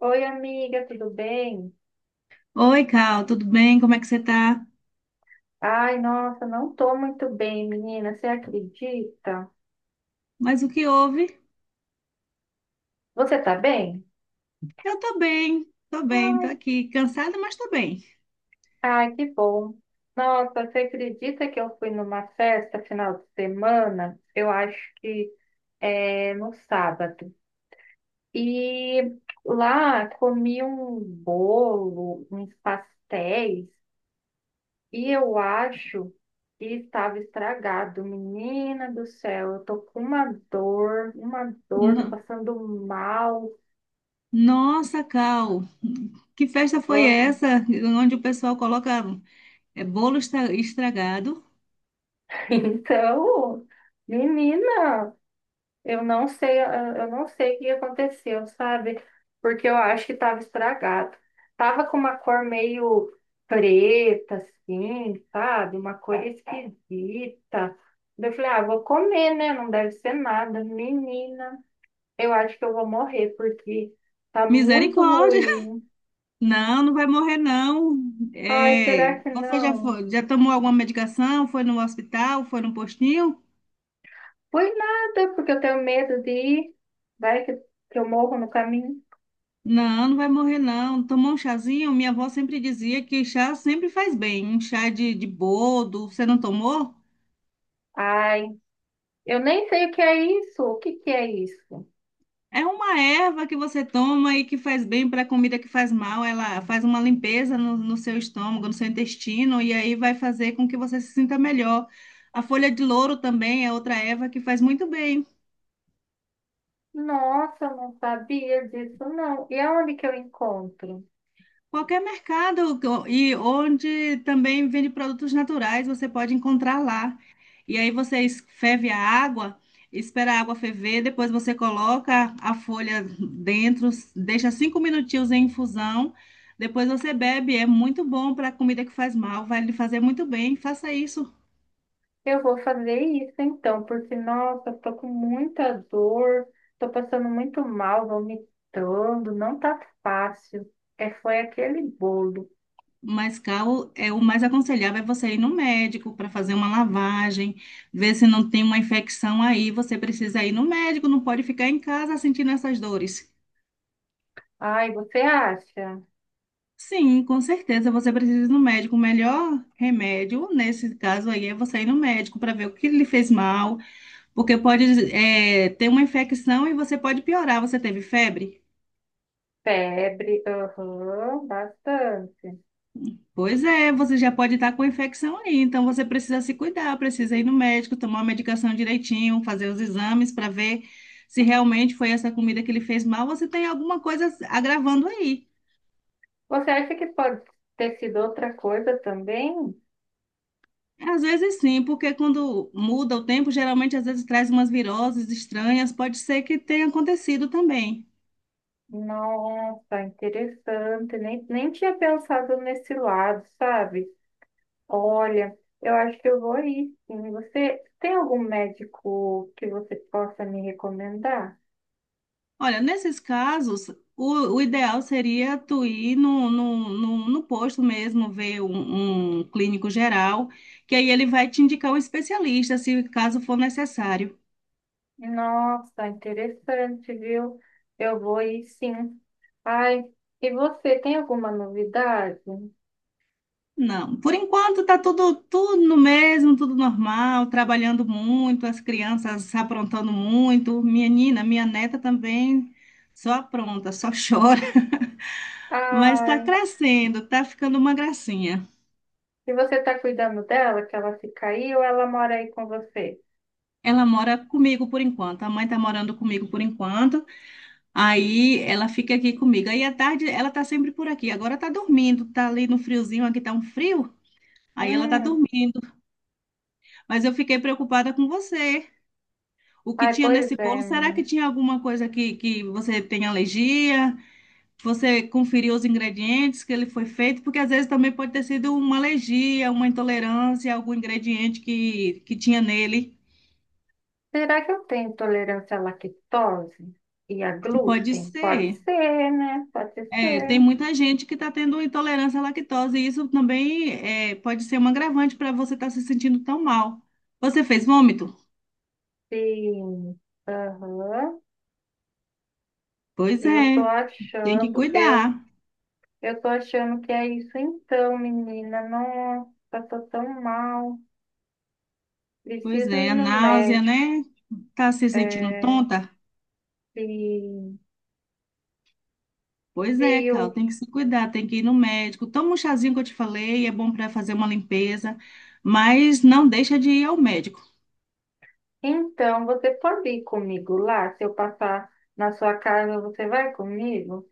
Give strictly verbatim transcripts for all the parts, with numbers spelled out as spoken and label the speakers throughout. Speaker 1: Oi, amiga, tudo bem?
Speaker 2: Oi, Cal, tudo bem? Como é que você tá?
Speaker 1: Ai, nossa, não tô muito bem, menina, você acredita?
Speaker 2: Mas o que houve?
Speaker 1: Você tá bem?
Speaker 2: Eu tô bem, tô bem, tô
Speaker 1: Ai,
Speaker 2: aqui, cansada, mas tô bem.
Speaker 1: ai, que bom. Nossa, você acredita que eu fui numa festa final de semana? Eu acho que é no sábado. E lá comi um bolo, uns pastéis. E eu acho que estava estragado. Menina do céu, eu tô com uma dor, uma dor, tô
Speaker 2: No-
Speaker 1: passando mal.
Speaker 2: Nossa, Cal, que festa foi
Speaker 1: Ah,
Speaker 2: essa? Onde o pessoal coloca é, bolo estra- estragado?
Speaker 1: Então, menina, eu não sei, eu eu não sei o que aconteceu, sabe? Porque eu acho que estava estragado. Tava com uma cor meio preta, assim, sabe? Uma cor esquisita. Daí eu falei, ah, vou comer, né? Não deve ser nada. Menina, eu acho que eu vou morrer porque tá muito
Speaker 2: Misericórdia!
Speaker 1: ruim.
Speaker 2: Não, não vai morrer, não.
Speaker 1: Ai, será
Speaker 2: É,
Speaker 1: que
Speaker 2: você já
Speaker 1: não?
Speaker 2: foi- já tomou alguma medicação? Foi no hospital? Foi no postinho?
Speaker 1: Foi nada, porque eu tenho medo de ir. Vai que, que eu morro no caminho.
Speaker 2: Não, não vai morrer não. Tomar um chazinho, minha avó sempre dizia que chá sempre faz bem. Um chá de, de boldo, você não tomou?
Speaker 1: Ai, eu nem sei o que é isso. O que que é isso?
Speaker 2: É uma erva que você toma e que faz bem para a comida que faz mal. Ela faz uma limpeza no, no seu estômago, no seu intestino, e aí vai fazer com que você se sinta melhor. A folha de louro também é outra erva que faz muito bem.
Speaker 1: Nossa, eu não sabia disso, não. E aonde que eu encontro?
Speaker 2: Qualquer mercado co- e onde também vende produtos naturais, você pode encontrar lá. E aí você es- ferve a água, espera a água ferver, depois você coloca a folha dentro, deixa cinco minutinhos em infusão, depois você bebe. É muito bom para comida que faz mal, vai lhe fazer muito bem. Faça isso.
Speaker 1: Eu vou fazer isso então, porque, nossa, eu tô com muita dor, tô passando muito mal, vomitando, não tá fácil. É, foi aquele bolo.
Speaker 2: Mas, Cal, é o mais aconselhável é você ir no médico para fazer uma lavagem, ver se não tem uma infecção aí. Você precisa ir no médico, não pode ficar em casa sentindo essas dores.
Speaker 1: Ai, você acha?
Speaker 2: Sim, com certeza você precisa ir no médico. O melhor remédio nesse caso aí é você ir no médico para ver o que lhe fez mal, porque pode, é, ter uma infecção e você pode piorar. Você teve febre?
Speaker 1: Febre, aham, bastante.
Speaker 2: Pois é, você já pode estar com infecção aí, então você precisa se cuidar, precisa ir no médico, tomar a medicação direitinho, fazer os exames para ver se realmente foi essa comida que ele fez mal você tem alguma coisa agravando aí.
Speaker 1: Você acha que pode ter sido outra coisa também?
Speaker 2: Às vezes sim, porque quando muda o tempo, geralmente às vezes traz umas viroses estranhas, pode ser que tenha acontecido também.
Speaker 1: Nossa, interessante. Nem, nem tinha pensado nesse lado, sabe? Olha, eu acho que eu vou ir, sim. Você tem algum médico que você possa me recomendar?
Speaker 2: Olha, nesses casos, o, o ideal seria tu ir no, no, no, no posto mesmo, ver um, um clínico geral, que aí ele vai te indicar um especialista, se caso for necessário.
Speaker 1: Nossa, interessante, viu? Eu vou ir, sim. Ai, e você tem alguma novidade?
Speaker 2: Não, por enquanto tá tudo, tudo no mesmo, tudo normal, trabalhando muito, as crianças aprontando muito, minha nina, minha neta também só apronta, só chora, mas tá
Speaker 1: Ai.
Speaker 2: crescendo, tá ficando uma gracinha.
Speaker 1: E você tá cuidando dela, que ela fica aí, ou ela mora aí com você?
Speaker 2: Ela mora comigo por enquanto, a mãe tá morando comigo por enquanto. Aí ela fica aqui comigo. Aí à tarde ela tá sempre por aqui. Agora tá dormindo, tá ali no friozinho, aqui tá um frio. Aí ela tá
Speaker 1: Hum,
Speaker 2: dormindo. Mas eu fiquei preocupada com você. O que
Speaker 1: ai,
Speaker 2: tinha
Speaker 1: pois
Speaker 2: nesse
Speaker 1: é,
Speaker 2: bolo? Será
Speaker 1: menina.
Speaker 2: que tinha alguma coisa que, que você tem alergia? Você conferiu os ingredientes que ele foi feito? Porque às vezes também pode ter sido uma alergia, uma intolerância, algum ingrediente que, que tinha nele.
Speaker 1: Será que eu tenho intolerância à lactose e a
Speaker 2: Pode
Speaker 1: glúten? Pode
Speaker 2: ser.
Speaker 1: ser, né? Pode
Speaker 2: É,
Speaker 1: ser.
Speaker 2: tem muita gente que está tendo intolerância à lactose, e isso também é, pode ser um agravante para você estar se sentindo tão mal. Você fez vômito?
Speaker 1: Sim. Aham.
Speaker 2: Pois
Speaker 1: Eu tô
Speaker 2: é, tem que
Speaker 1: achando, eu,
Speaker 2: cuidar.
Speaker 1: eu tô achando que é isso então, menina. Nossa, tô tão mal.
Speaker 2: Pois
Speaker 1: Preciso ir
Speaker 2: é, a
Speaker 1: no
Speaker 2: náusea,
Speaker 1: médico.
Speaker 2: né? Tá se sentindo
Speaker 1: É,
Speaker 2: tonta?
Speaker 1: sim.
Speaker 2: Pois é,
Speaker 1: Viu?
Speaker 2: Cal, tem que se cuidar, tem que ir no médico. Toma um chazinho que eu te falei, é bom para fazer uma limpeza, mas não deixa de ir ao médico.
Speaker 1: Então, você pode ir comigo lá? Se eu passar na sua casa, você vai comigo?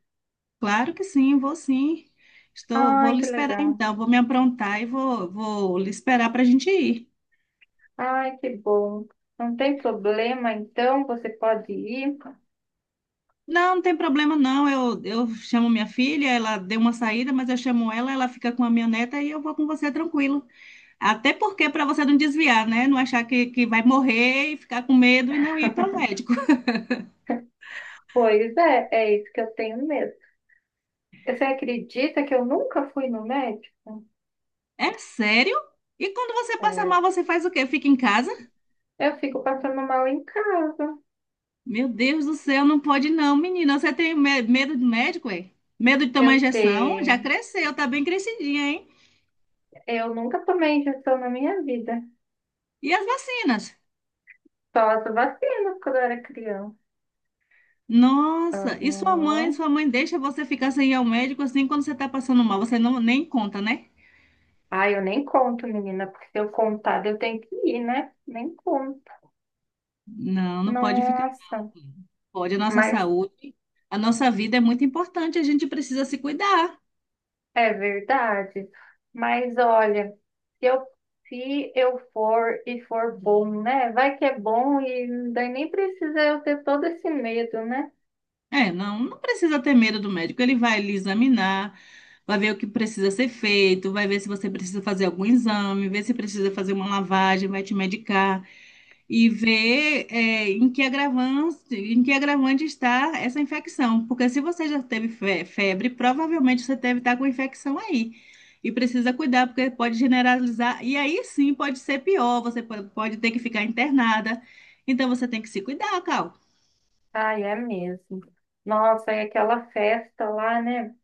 Speaker 2: Claro que sim, vou sim. Estou, vou
Speaker 1: Ai,
Speaker 2: lhe
Speaker 1: que
Speaker 2: esperar
Speaker 1: legal.
Speaker 2: então, vou me aprontar e vou, vou lhe esperar para a gente ir.
Speaker 1: Ai, que bom. Não tem problema, então você pode ir?
Speaker 2: Não, não tem problema não. Eu, eu chamo minha filha, ela deu uma saída, mas eu chamo ela, ela fica com a minha neta e eu vou com você tranquilo. Até porque para você não desviar, né? Não achar que, que vai morrer e ficar com medo e não ir para o médico.
Speaker 1: Pois é, é isso que eu tenho medo. Você acredita que eu nunca fui no médico?
Speaker 2: É sério? E quando você passa
Speaker 1: É,
Speaker 2: mal, você faz o quê? Fica em casa?
Speaker 1: eu fico passando mal em casa.
Speaker 2: Meu Deus do céu, não pode não, menina. Você tem me- medo de médico, é? Medo de tomar
Speaker 1: Eu
Speaker 2: injeção? Já
Speaker 1: tenho.
Speaker 2: cresceu, tá bem crescidinha, hein?
Speaker 1: Eu nunca tomei injeção na minha vida.
Speaker 2: E as vacinas?
Speaker 1: Só as vacinas quando eu era criança.
Speaker 2: Nossa, e sua mãe?
Speaker 1: Aham.
Speaker 2: Sua mãe deixa você ficar sem ir ao médico assim quando você está passando mal? Você não nem conta, né?
Speaker 1: Ai, eu nem conto, menina, porque se eu contar, eu tenho que ir, né? Nem conto.
Speaker 2: Não, não pode ficar
Speaker 1: Nossa,
Speaker 2: assim. Pode, a nossa
Speaker 1: mas
Speaker 2: saúde, a nossa vida é muito importante, a gente precisa se cuidar.
Speaker 1: é verdade. Mas olha, se eu, se eu for e for bom, né? Vai que é bom e daí nem precisa eu ter todo esse medo, né?
Speaker 2: É, não, não precisa ter medo do médico. Ele vai lhe examinar, vai ver o que precisa ser feito, vai ver se você precisa fazer algum exame, ver se precisa fazer uma lavagem, vai te medicar e ver, é, em que agravante, em que agravante está essa infecção. Porque se você já teve fe- febre, provavelmente você deve estar com infecção aí. E precisa cuidar, porque pode generalizar. E aí sim pode ser pior, você pode pode ter que ficar internada. Então você tem que se cuidar, Cal.
Speaker 1: Ai, é mesmo. Nossa, e aquela festa lá, né?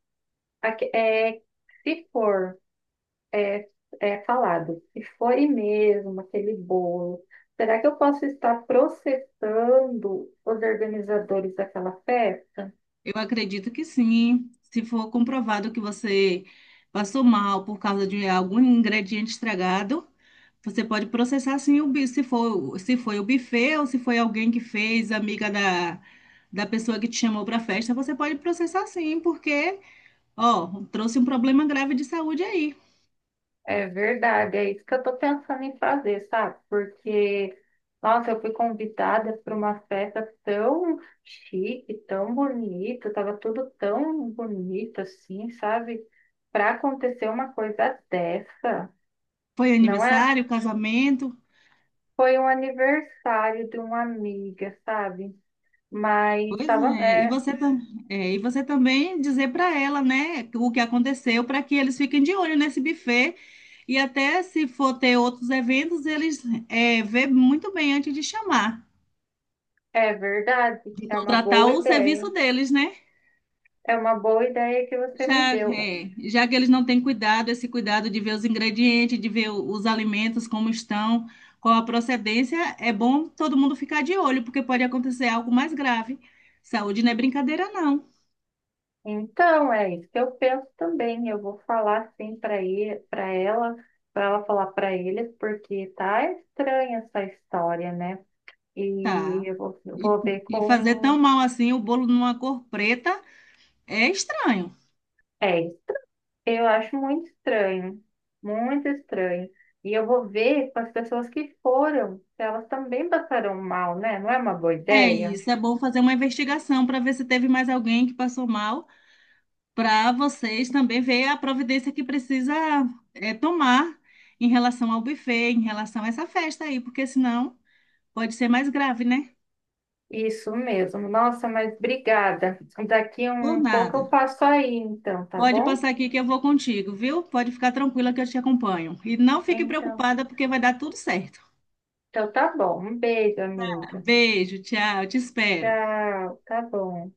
Speaker 1: Aque- É, se for. É, é falado, se foi mesmo aquele bolo, será que eu posso estar processando os organizadores daquela festa?
Speaker 2: Eu acredito que sim. Se for comprovado que você passou mal por causa de algum ingrediente estragado, você pode processar sim o bi- se for, se foi o buffet ou se foi alguém que fez, amiga da, da pessoa que te chamou para a festa, você pode processar sim, porque, ó, trouxe um problema grave de saúde aí.
Speaker 1: É verdade, é isso que eu estou pensando em fazer, sabe? Porque, nossa, eu fui convidada para uma festa tão chique, tão bonita, estava tudo tão bonito assim, sabe? Para acontecer uma coisa dessa,
Speaker 2: Foi
Speaker 1: não é?
Speaker 2: aniversário, casamento?
Speaker 1: Foi um aniversário de uma amiga, sabe? Mas
Speaker 2: Pois
Speaker 1: estava.
Speaker 2: é, e
Speaker 1: É,
Speaker 2: você, tam- é, e você também dizer para ela, né, o que aconteceu, para que eles fiquem de olho nesse buffet e até se for ter outros eventos, eles é, vê muito bem antes de chamar,
Speaker 1: é verdade.
Speaker 2: de
Speaker 1: É uma
Speaker 2: contratar
Speaker 1: boa
Speaker 2: o
Speaker 1: ideia.
Speaker 2: serviço deles, né?
Speaker 1: É uma boa ideia que você me
Speaker 2: Já,
Speaker 1: deu.
Speaker 2: é, já que eles não têm cuidado, esse cuidado de ver os ingredientes, de ver o- os alimentos como estão, qual a procedência, é bom todo mundo ficar de olho, porque pode acontecer algo mais grave. Saúde não é brincadeira, não.
Speaker 1: Então, é isso que eu penso também. Eu vou falar sim para ele, para ela, para ela falar para eles, porque tá estranha essa história, né? E
Speaker 2: Tá.
Speaker 1: eu vou, eu
Speaker 2: E,
Speaker 1: vou ver
Speaker 2: e fazer tão
Speaker 1: com.
Speaker 2: mal assim o bolo numa cor preta é estranho.
Speaker 1: É isso. Eu acho muito estranho. Muito estranho. E eu vou ver com as pessoas que foram, se elas também passaram mal, né? Não é uma boa
Speaker 2: É
Speaker 1: ideia?
Speaker 2: isso, é bom fazer uma investigação para ver se teve mais alguém que passou mal, para vocês também ver a providência que precisa é, tomar em relação ao buffet, em relação a essa festa aí, porque senão pode ser mais grave, né?
Speaker 1: Isso mesmo. Nossa, mas obrigada. Daqui
Speaker 2: Ou
Speaker 1: um pouco eu
Speaker 2: nada.
Speaker 1: passo aí, então, tá
Speaker 2: Pode
Speaker 1: bom?
Speaker 2: passar aqui que eu vou contigo, viu? Pode ficar tranquila que eu te acompanho. E não fique
Speaker 1: Então,
Speaker 2: preocupada porque vai dar tudo certo.
Speaker 1: então tá bom. Um beijo, amiga.
Speaker 2: Beijo, tchau, te espero.
Speaker 1: Tchau, tá bom.